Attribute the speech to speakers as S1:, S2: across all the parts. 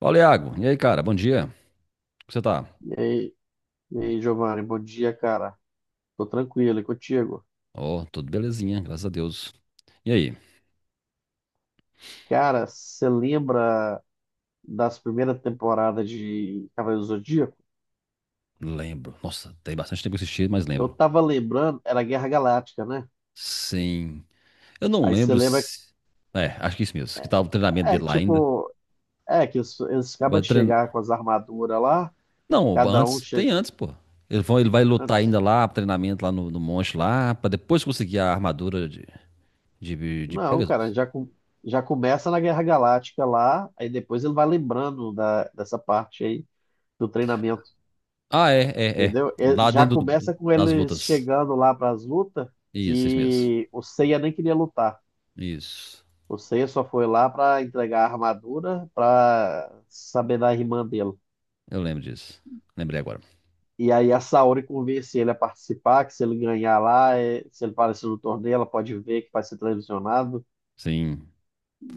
S1: Fala, Iago. E aí, cara? Bom dia. Como você tá?
S2: E aí, e aí, Giovanni, bom dia, cara. Tô tranquilo, e contigo?
S1: Ó, tudo belezinha, graças a Deus. E aí?
S2: Cara, você lembra das primeiras temporadas de Cavaleiros do Zodíaco?
S1: Lembro. Nossa, tem bastante tempo que eu assisti, mas
S2: Eu
S1: lembro.
S2: tava lembrando, era Guerra Galáctica, né?
S1: Sim. Eu não
S2: Aí você
S1: lembro
S2: lembra,
S1: se... É, acho que é isso mesmo. Que tava o treinamento
S2: é
S1: dele lá ainda.
S2: tipo, é que eles acabam
S1: Vai
S2: de
S1: treinar...
S2: chegar com as armaduras lá,
S1: Não,
S2: cada um
S1: antes.
S2: chega
S1: Tem antes, pô. Ele vai lutar
S2: antes.
S1: ainda lá, treinamento lá no monte lá, pra depois conseguir a armadura de
S2: Não, cara,
S1: Pegasus.
S2: já, já começa na Guerra Galáctica lá, aí depois ele vai lembrando da, dessa parte aí do treinamento.
S1: Ah, é, é, é.
S2: Entendeu? É,
S1: Lá
S2: já
S1: dentro
S2: começa com
S1: das
S2: eles
S1: lutas.
S2: chegando lá para as lutas,
S1: Isso mesmo.
S2: que o Seiya nem queria lutar.
S1: Isso.
S2: O Seiya só foi lá para entregar a armadura para saber da irmã dele.
S1: Eu lembro disso. Lembrei agora.
S2: E aí a Saori convence ele a participar, que se ele ganhar lá, se ele aparecer no torneio, ela pode ver que vai ser televisionado.
S1: Sim.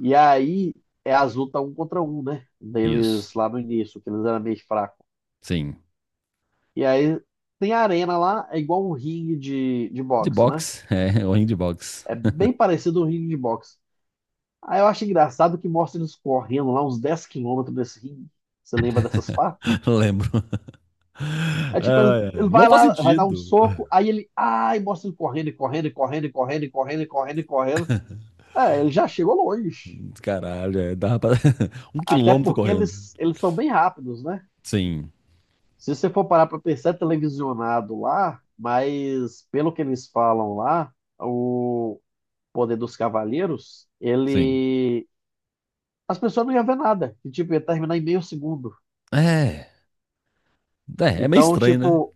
S2: E aí é as lutas um contra um, né?
S1: Isso.
S2: Deles lá no início, que eles eram meio fracos.
S1: Sim.
S2: E aí tem a arena lá, é igual um ringue de
S1: De
S2: boxe, né?
S1: boxe, é, o ringue de boxe.
S2: É bem parecido um ringue de boxe. Aí eu acho engraçado que mostra eles correndo lá uns 10 quilômetros desse ringue. Você lembra dessas partes?
S1: Lembro.
S2: É tipo, ele,
S1: Ah, é.
S2: ele
S1: Não
S2: vai
S1: faz
S2: lá, vai dar um
S1: sentido.
S2: soco, aí ele. Ai, mostra ele correndo, e correndo, e correndo, e correndo, e correndo, e correndo, e correndo. É, ele já chegou longe.
S1: Caralho, é, dava pra... um
S2: Até
S1: quilômetro
S2: porque
S1: correndo.
S2: eles são bem rápidos, né?
S1: Sim,
S2: Se você for parar pra pensar, é televisionado lá, mas pelo que eles falam lá, o poder dos cavaleiros,
S1: sim.
S2: ele. As pessoas não iam ver nada. E, tipo, ia terminar em meio segundo.
S1: É, é meio
S2: Então,
S1: estranho, né?
S2: tipo,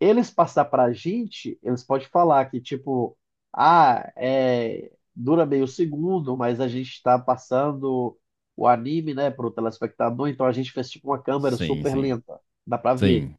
S2: eles passar pra gente, eles podem falar que, tipo, ah, é, dura meio segundo, mas a gente tá passando o anime, né, pro telespectador, então a gente fez, tipo, uma câmera
S1: Sim,
S2: super
S1: sim,
S2: lenta, dá pra ver.
S1: sim.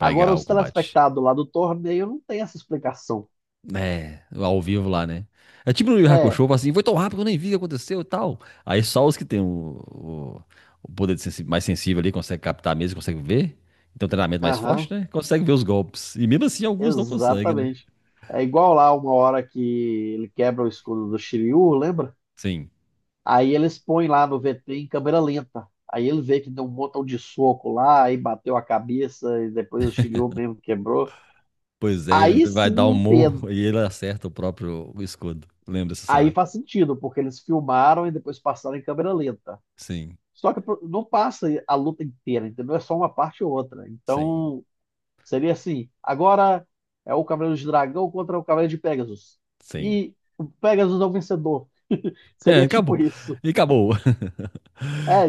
S2: Agora,
S1: o
S2: os
S1: combate.
S2: telespectadores lá do torneio não tem essa explicação.
S1: É, ao vivo lá, né? É tipo no Yu Yu Hakusho,
S2: É,
S1: fala assim, foi tão rápido que eu nem vi o que aconteceu e tal. Aí só os que têm o- o poder de mais sensível ali conseguem captar mesmo, conseguem ver. Então, treinamento mais
S2: aham,
S1: forte, né? Consegue ver os golpes. E mesmo assim, alguns não conseguem, né?
S2: exatamente. É igual lá uma hora que ele quebra o escudo do Shiryu, lembra?
S1: Sim.
S2: Aí eles põem lá no VT em câmera lenta. Aí ele vê que deu um montão de soco lá, aí bateu a cabeça, e depois o chilhou mesmo quebrou.
S1: Pois é,
S2: Aí
S1: ele vai dar
S2: sim
S1: um
S2: entendo.
S1: morro e ele acerta o próprio escudo. Lembra dessa
S2: Aí
S1: cena?
S2: faz sentido, porque eles filmaram e depois passaram em câmera lenta.
S1: Sim,
S2: Só que não passa a luta inteira, entendeu? É só uma parte ou outra.
S1: sim,
S2: Então, seria assim: agora é o Cavaleiro de Dragão contra o Cavaleiro de Pegasus.
S1: sim.
S2: E o Pegasus é o vencedor.
S1: É,
S2: Seria tipo
S1: acabou.
S2: isso.
S1: E acabou.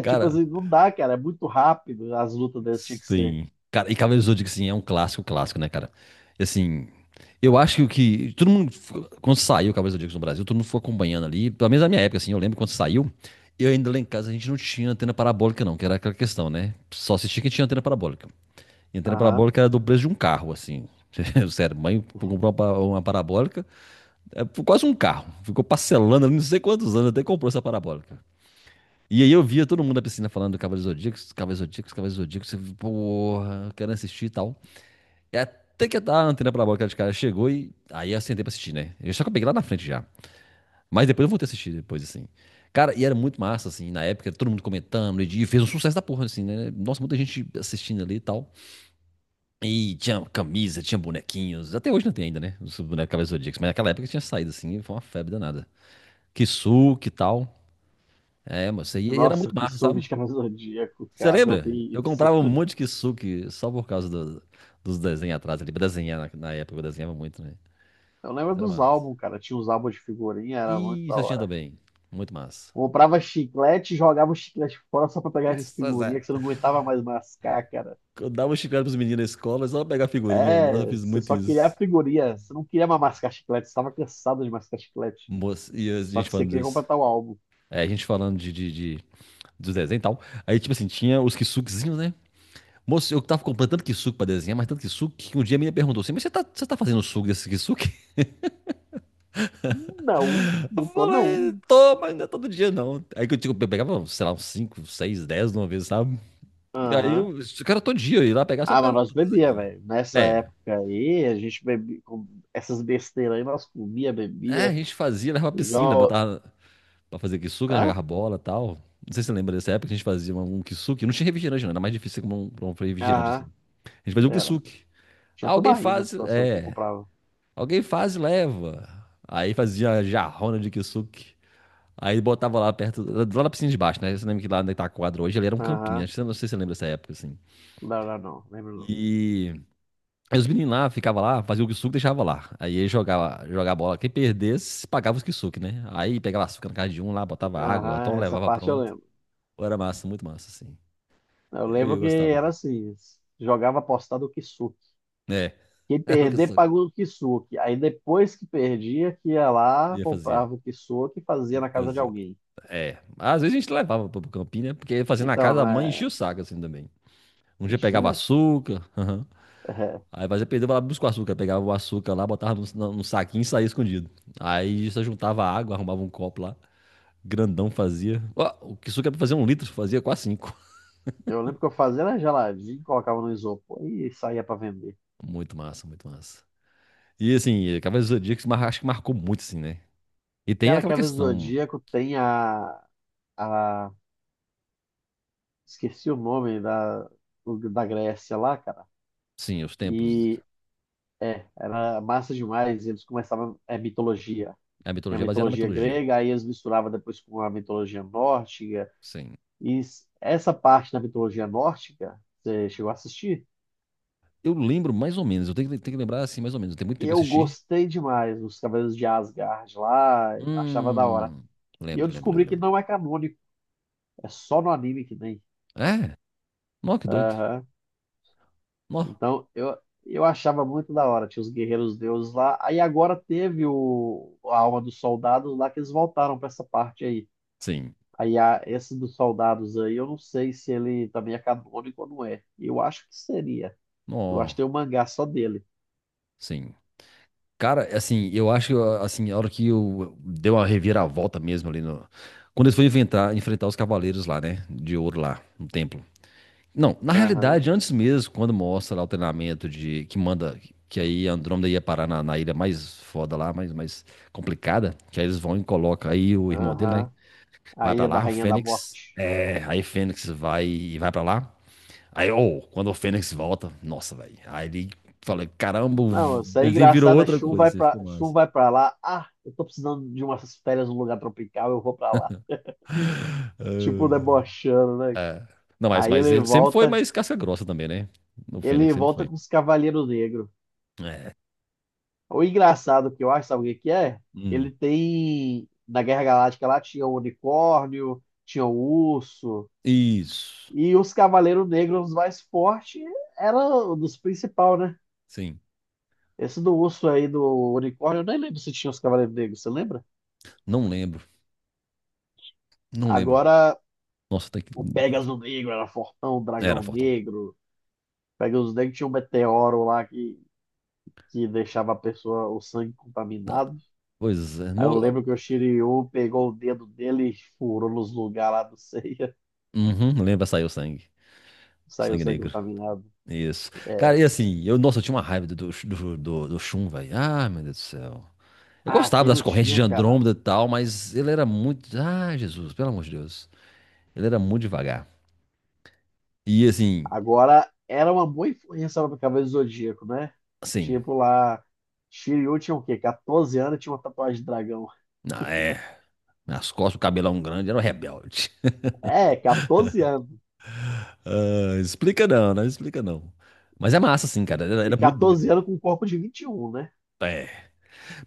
S2: tipo
S1: Cara,
S2: assim, não dá, cara. É muito rápido as lutas deles tinha que ser.
S1: sim. Cara, e Cavaleiros do Zodíaco, assim, é um clássico, clássico, né, cara? E, assim, eu acho que o que. Todo mundo. Quando saiu o Cavaleiros do Zodíaco no Brasil, todo mundo foi acompanhando ali. Pelo menos na minha época, assim, eu lembro quando saiu. Eu ainda lá em casa a gente não tinha antena parabólica, não, que era aquela questão, né? Só assistia quem tinha antena parabólica. E a antena
S2: Aham.
S1: parabólica era do preço de um carro, assim. Sério, mãe comprou uma, uma parabólica, é, por quase um carro. Ficou parcelando ali não sei quantos anos até comprou essa parabólica. E aí eu via todo mundo na piscina falando do Cavaleiros Zodíacos, Cavaleiros Zodíacos, Cavaleiros Zodíacos, você porra, eu quero assistir e tal. E até que a antena parabólica de cara chegou e aí eu sentei pra assistir, né? Eu só que eu peguei lá na frente já. Mas depois eu voltei a assistir depois, assim. Cara, e era muito massa, assim, na época, todo mundo comentando, e fez um sucesso da porra, assim, né? Nossa, muita gente assistindo ali e tal. E tinha camisa, tinha bonequinhos, até hoje não tem ainda, né? Os bonecos Cavaleiros Zodíacos, mas naquela época tinha saído, assim, e foi uma febre danada. Kisuke e tal. É, mas isso aí era
S2: Nossa,
S1: muito
S2: que
S1: massa,
S2: soco
S1: sabe?
S2: de Cavaleiro do Zodíaco,
S1: Você
S2: cara. Eu
S1: lembra?
S2: vi
S1: Eu
S2: isso.
S1: comprava um monte de kisuke só por causa dos desenhos atrás ali. Pra desenhar na época, eu desenhava muito, né?
S2: Eu lembro
S1: Mas era
S2: dos
S1: massa.
S2: álbuns, cara. Tinha os álbuns de figurinha, era muito
S1: E
S2: da
S1: você tinha
S2: hora.
S1: também. Muito massa.
S2: Comprava chiclete, e jogava o chiclete fora só pra pegar de
S1: Pois
S2: figurinha,
S1: é.
S2: que você não aguentava mais mascar, cara.
S1: Eu dava um chiclete pros meninos na escola, só pra pegar a figurinha. Nossa, eu
S2: É,
S1: fiz
S2: você
S1: muito
S2: só queria a
S1: isso.
S2: figurinha. Você não queria mais mascar chiclete, você tava cansado de mascar chiclete.
S1: Moça, e a
S2: Só
S1: gente
S2: que você
S1: falando
S2: queria
S1: disso.
S2: completar o álbum.
S1: É, a gente falando de, dos desenhos e tal. Aí, tipo assim, tinha os kisukezinhos, né? Moço, eu tava comprando tanto kisuke pra desenhar, mas tanto kisuke, que um dia a menina perguntou assim, mas você tá fazendo suco desse kisuke?
S2: Não,
S1: Eu
S2: não tô
S1: falei,
S2: não.
S1: toma, ainda todo dia não. Aí que eu, digo, eu pegava, sei lá, uns 5 6 10 de uma vez, sabe? Aí
S2: Aham.
S1: eu cara todo dia, eu ia lá pegar só
S2: Ah, mas
S1: pra
S2: nós bebia,
S1: desenhar.
S2: velho. Nessa
S1: É,
S2: época aí, a gente bebia com essas besteiras aí, nós comia,
S1: é, a
S2: bebia.
S1: gente fazia, levava pra piscina,
S2: Igual
S1: botava pra fazer kisuke, né?
S2: Ah?
S1: Jogava bola e tal. Não sei se você lembra dessa época que a gente fazia um kisuke. Não tinha refrigerante, não, era mais difícil como um, pra um refrigerante assim.
S2: Aham,
S1: A gente fazia um
S2: era.
S1: kisuke. Ah,
S2: Tinha
S1: alguém
S2: tubaína,
S1: faz,
S2: que eu que
S1: é,
S2: comprava.
S1: alguém faz e leva. Aí fazia jarrona de kisuke. Aí botava lá perto, lá na piscina de baixo, né? Você lembra que lá onde tá a quadra hoje, ele era um campinho,
S2: Aham,
S1: acho que não sei se você lembra dessa época, assim.
S2: não, não, não, lembro não.
S1: E aí os meninos lá ficavam lá, faziam o kisuke e deixava lá. Aí ele jogava, jogava bola. Quem perdesse, pagava os kisuke, né? Aí pegava açúcar na casa de um lá, botava água, então
S2: Aham, essa
S1: levava
S2: parte eu
S1: pronto.
S2: lembro.
S1: Pô, era massa, muito massa, assim.
S2: Eu
S1: Eu,
S2: lembro
S1: eu
S2: que
S1: gostava.
S2: era assim, jogava apostado o Kisuki.
S1: É,
S2: Quem
S1: era o
S2: perder
S1: kisuke.
S2: pagou o Kisuki. Aí depois que perdia, que ia lá,
S1: E eu fazia.
S2: comprava o Kisuki e fazia
S1: E
S2: na casa de
S1: fazia.
S2: alguém.
S1: É. Às vezes a gente levava pro campinho, né? Porque fazia na
S2: Então,
S1: casa, a mãe enchia
S2: né,
S1: o saco, assim, também. Um dia pegava
S2: enchia.
S1: açúcar.
S2: É,
S1: Aí fazia perdeu, vai lá buscar o açúcar. Pegava o açúcar lá, botava num saquinho e saía escondido. Aí só juntava água, arrumava um copo lá. Grandão fazia. Ó, o que suco era pra fazer um litro, fazia quase cinco.
S2: eu lembro que eu fazia era geladinho, colocava no isopor e saía pra vender.
S1: Muito massa, muito massa. E assim, Cavaleiros do Zodíaco acho que marcou muito, assim, né? E tem
S2: Cara,
S1: aquela
S2: Cavaleiro do
S1: questão,
S2: Zodíaco tem a esqueci o nome da Grécia lá, cara.
S1: sim, os templos.
S2: E é, era massa demais. Eles começavam, é mitologia.
S1: A
S2: Tinha
S1: mitologia é baseada na
S2: mitologia
S1: mitologia.
S2: grega, aí eles misturavam depois com a mitologia nórdica.
S1: Sim.
S2: E essa parte da mitologia nórdica, você chegou a assistir?
S1: Eu lembro mais ou menos, eu tenho que, lembrar assim, mais ou menos. Tem muito tempo que eu
S2: Eu
S1: assisti.
S2: gostei demais dos Cavaleiros de Asgard lá, achava da hora.
S1: Hum.
S2: E eu
S1: Lembro, lembro, lembro,
S2: descobri que
S1: lembro.
S2: não é canônico, é só no anime que tem.
S1: É? Nó, que doido.
S2: Aham.
S1: Nó.
S2: Então, eu achava muito da hora, tinha os guerreiros deuses lá. Aí agora teve o, a alma dos soldados lá, que eles voltaram para essa parte aí.
S1: Sim.
S2: Aí a, esse dos soldados aí, eu não sei se ele também é canônico ou não é. Eu acho que seria. Eu acho que
S1: Nó.
S2: tem um mangá só dele.
S1: Sim. Cara, assim, eu acho que assim, a hora que eu dei uma reviravolta mesmo ali no. Quando eles foram enfrentar, enfrentar os cavaleiros lá, né? De ouro lá, no templo. Não, na
S2: Aham,
S1: realidade, antes mesmo, quando mostra lá o treinamento de. Que manda. Que aí Andrômeda ia parar na ilha mais foda lá, mais complicada. Que aí eles vão e colocam. Aí o irmão dele, né?
S2: aham. A
S1: Vai pra
S2: Ilha da
S1: lá, o
S2: Rainha da
S1: Fênix.
S2: Morte.
S1: É, aí Fênix vai e vai pra lá. Aí, ô, quando o Fênix volta, nossa, velho. Aí ele fala, caramba, o
S2: Não, isso é
S1: desenho virou
S2: engraçado. A
S1: outra coisa, assim, ficou
S2: Shun
S1: massa.
S2: vai pra lá. Ah, eu tô precisando de umas férias num lugar tropical, eu vou pra lá. Tipo,
S1: Ai,
S2: debochando, né,
S1: ai.
S2: cara?
S1: É. Não, mas,
S2: Aí
S1: mas
S2: ele
S1: ele sempre foi
S2: volta.
S1: mais casca grossa também, né? O Fênix
S2: Ele
S1: sempre
S2: volta
S1: foi.
S2: com os Cavaleiros Negros.
S1: É.
S2: O engraçado que eu acho, sabe o que que é?
S1: Hum.
S2: Ele tem. Na Guerra Galáctica lá tinha o unicórnio, tinha o urso.
S1: Isso.
S2: E os Cavaleiros Negros mais fortes eram dos principais, né?
S1: Sim.
S2: Esse do urso aí, do unicórnio, eu nem lembro se tinha os Cavaleiros Negros, você lembra?
S1: Não lembro. Não lembro.
S2: Agora,
S1: Nossa, tem que.
S2: o Pegasus Negro era fortão, o
S1: Era
S2: Dragão
S1: fortão.
S2: Negro. Pegasus Negro tinha um meteoro lá que deixava a pessoa, o sangue
S1: Tá.
S2: contaminado.
S1: Pois é.
S2: Aí eu
S1: Mo...
S2: lembro que o Shiryu pegou o dedo dele e furou nos lugares lá do Seiya.
S1: Uhum, lembra, saiu o sangue. O
S2: Saiu
S1: sangue
S2: sangue
S1: negro.
S2: contaminado.
S1: Isso. Cara, e assim, eu, nossa, eu tinha uma raiva do Shun, velho. Ah, meu Deus do céu. Eu
S2: Ah,
S1: gostava
S2: aqui
S1: das
S2: não
S1: correntes de
S2: tinha, cara.
S1: Andrômeda e tal, mas ele era muito. Ah, Jesus, pelo amor de Deus. Ele era muito devagar. E assim,
S2: Agora era uma boa influência lá do Cavaleiro do Zodíaco, né?
S1: assim.
S2: Tipo lá. Shiryu tinha o quê? 14 anos e tinha uma tatuagem de dragão.
S1: Ah, É Nas costas, o cabelão grande, era um rebelde.
S2: É, 14 anos.
S1: Ah, explica não, não explica não. Mas é massa, assim,
S2: E,
S1: cara. Era,
S2: e
S1: era muito doido.
S2: 14 anos com um corpo de 21, né?
S1: É.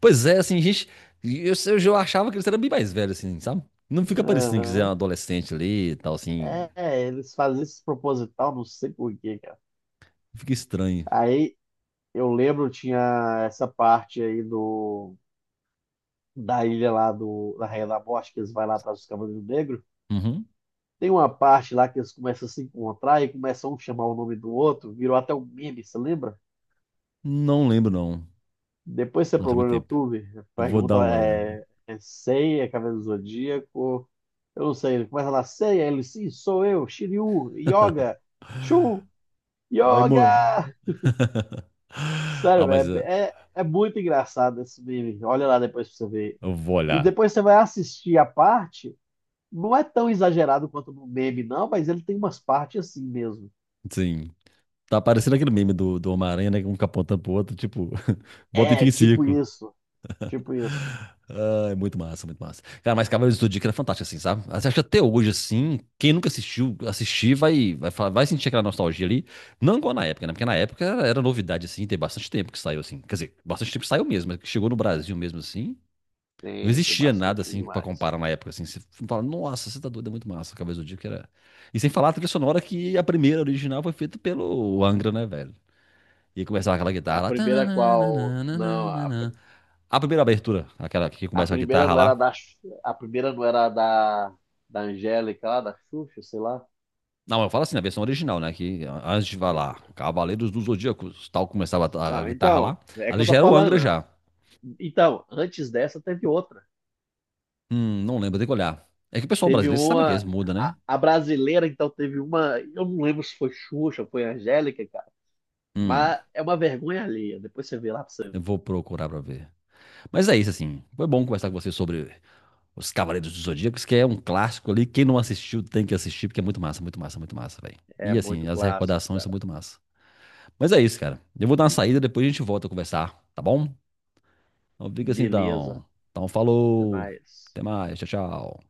S1: Pois é, assim, gente. Eu achava que eles eram bem mais velhos, assim, sabe? Não fica parecendo que eles eram
S2: Aham.
S1: adolescente ali e tal, assim.
S2: É, eles fazem isso proposital, não sei por quê, cara.
S1: Fica estranho.
S2: Aí eu lembro, tinha essa parte aí do da ilha lá do, da Rainha da Morte, que eles vão lá atrás dos Cavaleiros Negros.
S1: Uhum.
S2: Tem uma parte lá que eles começam a se encontrar e começam um a um chamar o nome do outro, virou até um meme, você lembra?
S1: Não lembro, não.
S2: Depois você
S1: Nossa, é
S2: procura
S1: muito
S2: no
S1: tempo.
S2: YouTube,
S1: Eu vou dar
S2: pergunta
S1: uma olhada.
S2: é, é Sei, é Cavaleiro do Zodíaco, eu não sei, ele começa lá, Sei, aí ele, sim, sou eu, Shiryu, Yoga, Shun,
S1: Aí, mano.
S2: Yoga! Sério,
S1: Ah, mas
S2: velho, é muito engraçado esse meme, olha lá depois pra você ver.
S1: eu vou
S2: E
S1: olhar.
S2: depois você vai assistir a parte não é tão exagerado quanto no meme, não, mas ele tem umas partes assim mesmo.
S1: Sim. Tá parecendo aquele meme do Homem-Aranha, né? Um capotando pro outro, tipo, volta e
S2: É,
S1: fica em
S2: tipo
S1: círculo.
S2: isso. Tipo isso.
S1: Ah, é muito massa, muito massa. Cara, mas Cavaleiros do Zodíaco era fantástico, assim, sabe? Você acha que até hoje, assim, quem nunca assistiu, assistir, vai sentir aquela nostalgia ali. Não igual na época, né? Porque na época era, novidade, assim, tem bastante tempo que saiu, assim. Quer dizer, bastante tempo que saiu mesmo, mas que chegou no Brasil mesmo, assim. Não
S2: Tem
S1: existia nada,
S2: bastante
S1: assim, pra
S2: demais.
S1: comparar na época, assim. Você fala, nossa, você tá doido, é muito massa. Cavaleiros do Zodíaco era... E sem falar a trilha sonora que a primeira original foi feita pelo Angra, né, velho? E começava aquela
S2: A
S1: guitarra lá.
S2: primeira qual. Não, a,
S1: Tananana. A primeira abertura, aquela que
S2: a
S1: começa com a
S2: primeira
S1: guitarra
S2: não era
S1: lá.
S2: da. A primeira não era da. Da Angélica lá, da Xuxa, sei lá.
S1: Não, eu falo assim, na versão original, né? Que antes de falar, Cavaleiros do Zodíaco, tal, começava a
S2: Não,
S1: guitarra
S2: então,
S1: lá.
S2: é que
S1: Ali
S2: eu tô
S1: já era o Angra
S2: falando. Né?
S1: já.
S2: Então, antes dessa teve outra.
S1: Não lembro, tem que olhar. É que o pessoal
S2: Teve
S1: brasileiro, você sabe que eles
S2: uma.
S1: mudam,
S2: A,
S1: né?
S2: a brasileira, então, teve uma. Eu não lembro se foi Xuxa, foi Angélica, cara.
S1: Hum,
S2: Mas é uma vergonha alheia. Depois você vê lá pra você
S1: eu vou procurar pra ver. Mas é isso, assim. Foi bom conversar com você sobre os Cavaleiros do Zodíaco, que é um clássico ali. Quem não assistiu tem que assistir, porque é muito massa, muito massa, muito massa, velho.
S2: É
S1: E
S2: muito
S1: assim, as
S2: clássico,
S1: recordações são
S2: cara.
S1: muito massa. Mas é isso, cara. Eu vou dar uma saída, depois a gente volta a conversar, tá bom? Então fica assim,
S2: Beleza.
S1: então. Então
S2: Até
S1: falou.
S2: mais.
S1: Até mais, tchau, tchau.